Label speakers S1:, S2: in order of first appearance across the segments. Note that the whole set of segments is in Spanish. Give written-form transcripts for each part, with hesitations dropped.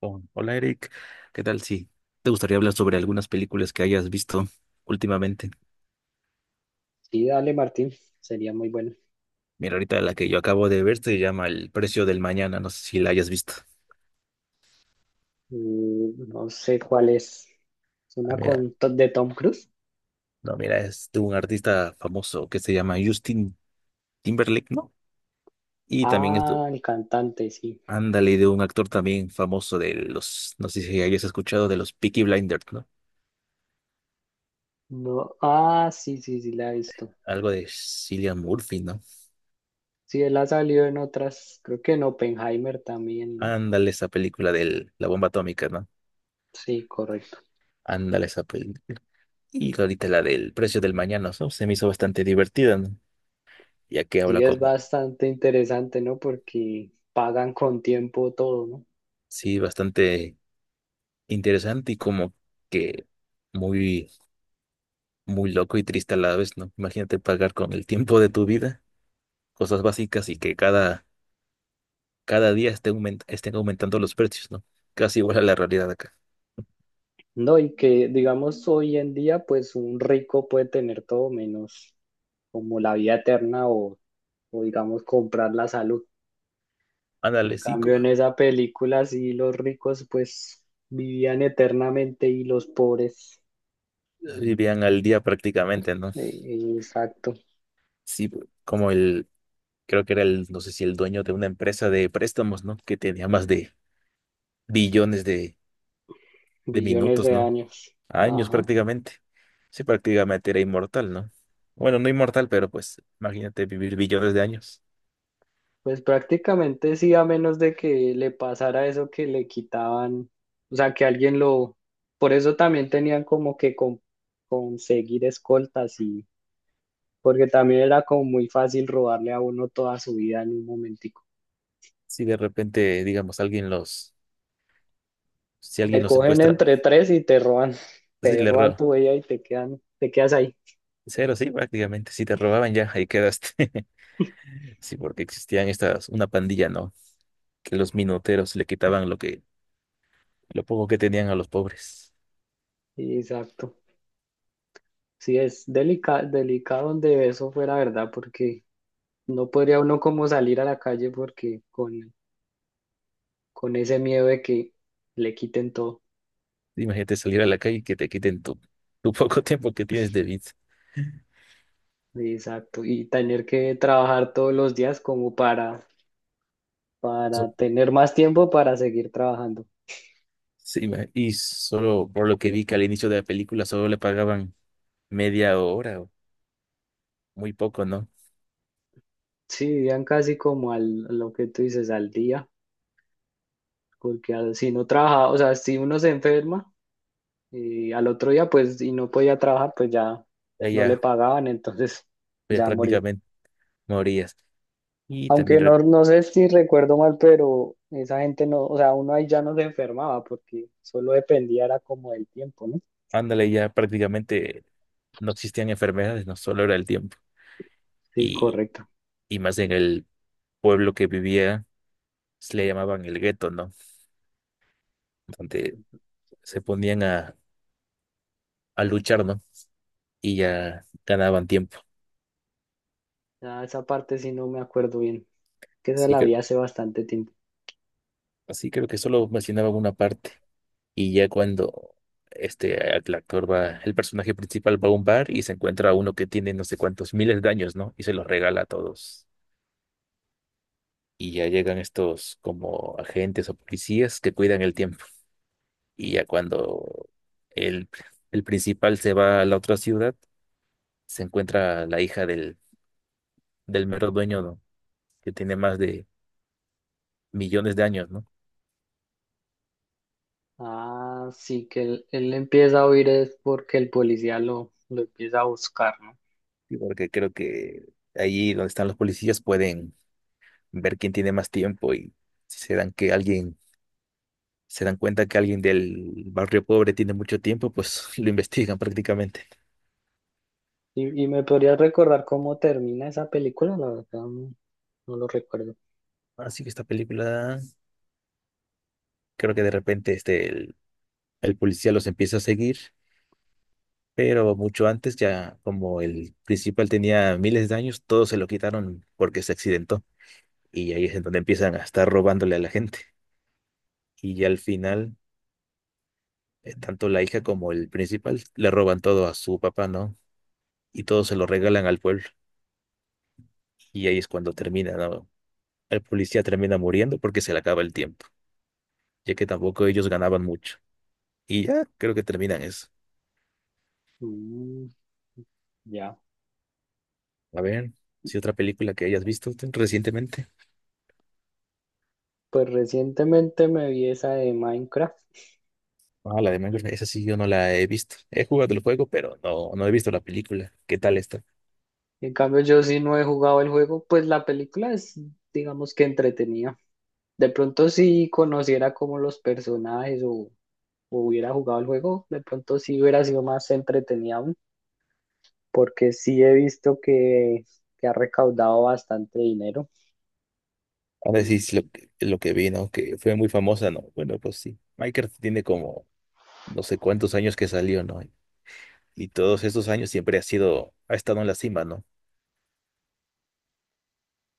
S1: Oh, hola Eric, ¿qué tal? Sí, te gustaría hablar sobre algunas películas que hayas visto últimamente?
S2: Sí, dale, Martín, sería muy bueno.
S1: Mira, ahorita la que yo acabo de ver se llama El precio del mañana, no sé si la hayas visto.
S2: Mm, no sé cuál es. ¿Es
S1: Ah,
S2: una
S1: mira,
S2: con de Tom Cruise?
S1: no, mira, es de un artista famoso que se llama Justin Timberlake, ¿no? Y también es,
S2: Ah, el cantante, sí.
S1: ándale, de un actor también famoso de los, no sé si hayas escuchado de los Peaky Blinders, ¿no?
S2: No, ah, sí, sí, sí, la he visto.
S1: Algo de Cillian Murphy, ¿no?
S2: Sí, él ha salido en otras, creo que en Oppenheimer también, ¿no?
S1: Ándale, esa película de la bomba atómica, ¿no?
S2: Sí, correcto.
S1: Ándale esa película. Y ahorita la del precio del mañana, ¿no? Se me hizo bastante divertida, ¿no? Ya que
S2: Sí,
S1: habla
S2: es
S1: como,
S2: bastante interesante, ¿no? Porque pagan con tiempo todo, ¿no?
S1: sí, bastante interesante y como que muy, muy loco y triste a la vez, ¿no? Imagínate pagar con el tiempo de tu vida cosas básicas y que cada día esté estén aumentando los precios, ¿no? Casi igual a la realidad de acá.
S2: No, y que digamos hoy en día, pues un rico puede tener todo menos como la vida eterna o digamos comprar la salud.
S1: Ándale,
S2: En
S1: sí,
S2: cambio, en esa película sí los ricos pues vivían eternamente y los pobres,
S1: vivían al día prácticamente, ¿no?
S2: exacto,
S1: Sí, como el, creo que era el, no sé si el dueño de una empresa de préstamos, ¿no? Que tenía más de billones de
S2: billones
S1: minutos,
S2: de
S1: ¿no?
S2: años.
S1: Años
S2: Ajá.
S1: prácticamente. Sí, prácticamente era inmortal, ¿no? Bueno, no inmortal, pero pues imagínate vivir billones de años.
S2: Pues prácticamente sí, a menos de que le pasara eso que le quitaban, o sea, que alguien lo... Por eso también tenían como que conseguir escoltas y... Porque también era como muy fácil robarle a uno toda su vida en un momentico.
S1: Si de repente, digamos, alguien los, si alguien
S2: Te
S1: los
S2: cogen
S1: secuestra,
S2: entre tres y te roban,
S1: si
S2: te
S1: le
S2: roban
S1: roba,
S2: tu vida y te quedan, te quedas ahí.
S1: cero, sí, prácticamente, si te robaban ya, ahí quedaste. Sí, porque existían una pandilla, ¿no? Que los minuteros le quitaban lo poco que tenían a los pobres.
S2: Sí, exacto. Sí, es delicado donde eso fuera verdad, porque no podría uno como salir a la calle porque con ese miedo de que le quiten todo.
S1: Imagínate salir a la calle y que te quiten tu poco tiempo que tienes de vida.
S2: Exacto. Y tener que trabajar todos los días como para
S1: So-
S2: tener más tiempo para seguir trabajando.
S1: Sí, y solo por lo que vi que al inicio de la película solo le pagaban media hora, o muy poco, ¿no?
S2: Sí, vivían casi como al, a lo que tú dices, al día, porque si no trabaja, o sea, si uno se enferma y al otro día pues y no podía trabajar, pues ya
S1: Ahí
S2: no le
S1: ya,
S2: pagaban, entonces
S1: ya
S2: ya moría.
S1: prácticamente morías. Y también,
S2: Aunque no, no sé si recuerdo mal, pero esa gente no, o sea, uno ahí ya no se enfermaba porque solo dependía era como del tiempo, ¿no?
S1: ándale, ya prácticamente no existían enfermedades, no solo era el tiempo.
S2: Sí,
S1: Y,
S2: correcto.
S1: y más en el pueblo que vivía, se le llamaban el gueto, ¿no? Donde se ponían a luchar, ¿no? Y ya ganaban tiempo.
S2: Ya esa parte sí no me acuerdo bien, que se
S1: Así
S2: la
S1: que,
S2: vi hace bastante tiempo.
S1: así creo que solo mencionaba una parte. Y ya cuando el personaje principal va a un bar y se encuentra a uno que tiene no sé cuántos miles de años, ¿no? Y se los regala a todos. Y ya llegan estos como agentes o policías que cuidan el tiempo. Y ya cuando el, el principal se va a la otra ciudad, se encuentra la hija del mero dueño, ¿no? Que tiene más de millones de años, ¿no?
S2: Ah, sí, que él empieza a huir es porque el policía lo empieza a buscar, ¿no?
S1: Y porque creo que allí donde están los policías pueden ver quién tiene más tiempo y si se dan cuenta que alguien del barrio pobre tiene mucho tiempo, pues lo investigan prácticamente.
S2: Y me podrías recordar cómo termina esa película, la verdad no, no lo recuerdo.
S1: Así que esta película, creo que de repente el policía los empieza a seguir, pero mucho antes ya como el principal tenía miles de años, todos se lo quitaron porque se accidentó. Y ahí es en donde empiezan a estar robándole a la gente. Y ya al final, tanto la hija como el principal le roban todo a su papá, ¿no? Y todo se lo regalan al pueblo. Y ahí es cuando termina, ¿no? El policía termina muriendo porque se le acaba el tiempo, ya que tampoco ellos ganaban mucho. Y ya creo que terminan eso.
S2: Mm, ya.
S1: A ver, si otra película que hayas visto tú recientemente.
S2: Pues recientemente me vi esa de Minecraft.
S1: Ah, la de Minecraft, esa sí yo no la he visto. He jugado el juego, pero no, no he visto la película. ¿Qué tal está?
S2: En cambio, yo sí no he jugado el juego, pues la película es, digamos que entretenida. De pronto, si conociera como los personajes o hubiera jugado el juego, de pronto sí hubiera sido más entretenida aún, porque sí he visto que ha recaudado bastante dinero.
S1: Ahora
S2: Y
S1: sí, es lo que vi, ¿no? Que fue muy famosa, ¿no? Bueno, pues sí. Minecraft tiene como no sé cuántos años que salió, ¿no? Y todos estos años siempre ha sido, ha estado en la cima, ¿no?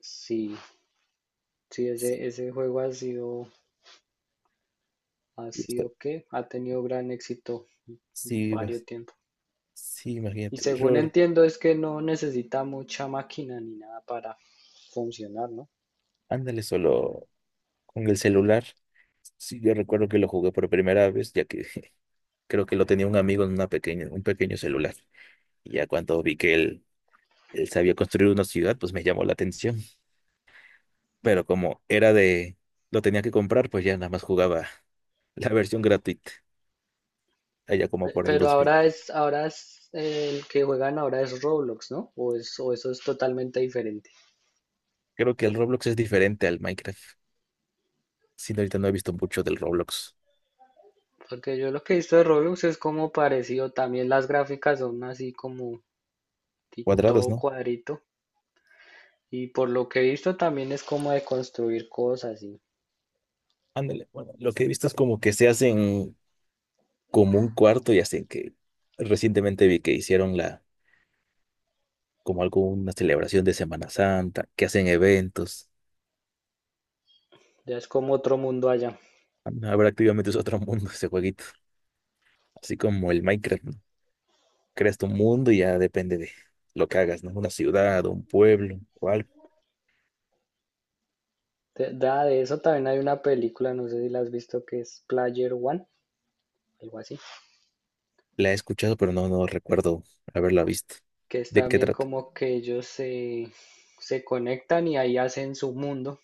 S2: sí, sí,
S1: Sí,
S2: ese juego ha
S1: y
S2: sido que ha tenido gran éxito
S1: sí, pues,
S2: varios tiempo.
S1: sí,
S2: Y
S1: imagínate.
S2: según
S1: Ror,
S2: entiendo, es que no necesita mucha máquina ni nada para funcionar, ¿no?
S1: ándale, solo con el celular. Sí, yo recuerdo que lo jugué por primera vez, ya que creo que lo tenía un amigo en un pequeño celular. Y ya cuando vi que él sabía construir una ciudad, pues me llamó la atención. Pero como era de, lo tenía que comprar, pues ya nada más jugaba la versión gratuita, allá como por el
S2: Pero
S1: 2000.
S2: ahora es el que juegan ahora es Roblox, ¿no? O eso es totalmente diferente.
S1: Creo que el Roblox es diferente al Minecraft. Sí, no, ahorita no he visto mucho del Roblox.
S2: Porque yo lo que he visto de Roblox es como parecido, también las gráficas son así como
S1: Cuadrados,
S2: todo
S1: ¿no?
S2: cuadrito. Y por lo que he visto también es como de construir cosas y
S1: Ándale, bueno, lo que he visto es como que se hacen como un cuarto y hacen que recientemente vi que hicieron la como alguna celebración de Semana Santa, que hacen eventos.
S2: ya es como otro mundo allá.
S1: Habrá activamente es otro mundo ese jueguito, así como el Minecraft, ¿no? Creas tu mundo y ya depende de lo que hagas, ¿no? Una ciudad, un pueblo, o algo.
S2: De eso también hay una película, no sé si la has visto, que es Player One, algo así,
S1: La he escuchado, pero no, no recuerdo haberla visto.
S2: que es
S1: ¿De qué
S2: también
S1: trata?
S2: como que se conectan y ahí hacen su mundo.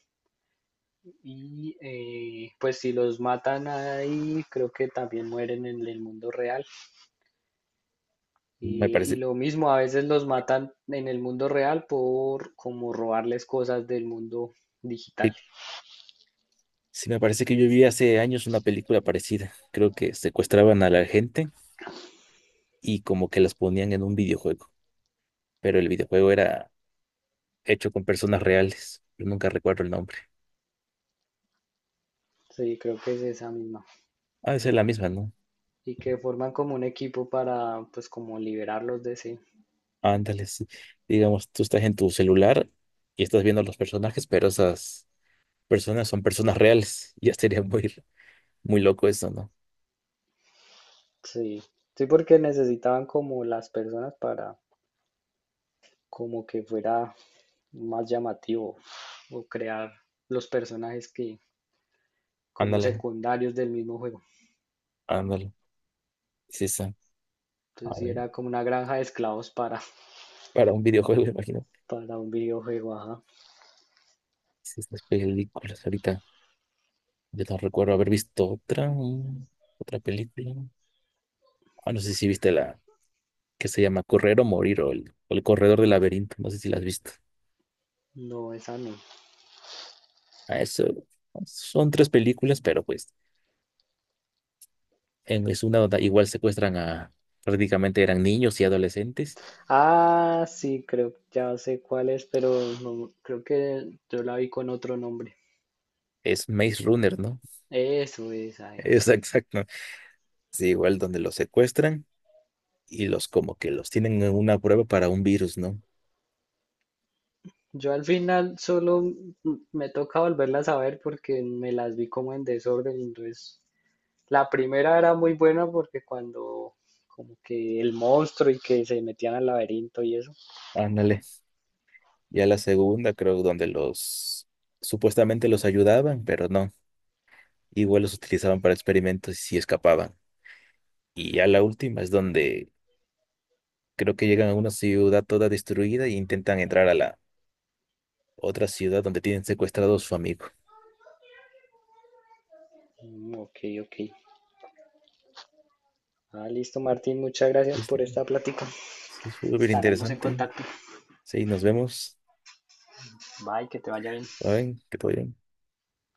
S2: Y pues si los matan ahí, creo que también mueren en el mundo real.
S1: Me
S2: Y
S1: parece,
S2: lo mismo, a veces los matan en el mundo real por como robarles cosas del mundo digital.
S1: eh, sí, me parece que yo vi hace años una película parecida. Creo que secuestraban a la gente y como que las ponían en un videojuego, pero el videojuego era hecho con personas reales. Yo nunca recuerdo el nombre.
S2: Sí, creo que es esa misma.
S1: Ah, esa es la misma, ¿no?
S2: Y que forman como un equipo para pues como liberarlos de sí.
S1: Ándale, sí. Digamos, tú estás en tu celular y estás viendo los personajes, pero esas personas son personas reales. Ya sería muy, muy loco eso, ¿no?
S2: Sí, sí, porque necesitaban como las personas para como que fuera más llamativo o crear los personajes que como
S1: Ándale,
S2: secundarios del mismo juego.
S1: ándale. Sí, sí.
S2: Entonces
S1: A
S2: sí
S1: ver,
S2: era como una granja de esclavos para,
S1: para un videojuego, me imagino.
S2: para un videojuego, ajá.
S1: Sí, estas películas ahorita. Yo no recuerdo haber visto otra, mm, otra película. Ah, no sé si viste la que se llama Correr o Morir o el Corredor del Laberinto. No sé si la has visto.
S2: No, esa no.
S1: Ah, eso. Son tres películas, pero pues. En es una donde igual secuestran a prácticamente eran niños y adolescentes.
S2: Ah, sí, creo, ya sé cuál es, pero no, creo que yo la vi con otro nombre.
S1: Es Maze Runner, ¿no?
S2: Eso, esa
S1: Es
S2: es.
S1: exacto. Sí, igual donde los secuestran y los como que los tienen en una prueba para un virus, ¿no?
S2: Yo al final solo me toca volverlas a ver porque me las vi como en desorden. Entonces, la primera era muy buena porque cuando como que el monstruo y que se metían al laberinto y eso.
S1: Ándale. Ya la segunda, creo, donde los supuestamente los ayudaban, pero no. Igual los utilizaban para experimentos y sí escapaban. Y ya la última es donde creo que llegan a una ciudad toda destruida e intentan entrar a la otra ciudad donde tienen secuestrado a su amigo.
S2: Mm, ok, ok. Ah, listo, Martín, muchas gracias
S1: ¿Viste?
S2: por esta plática.
S1: Sí, es súper
S2: Estaremos en
S1: interesante.
S2: contacto.
S1: Sí, nos vemos.
S2: Bye, que te vaya bien.
S1: Bye, que todo bien.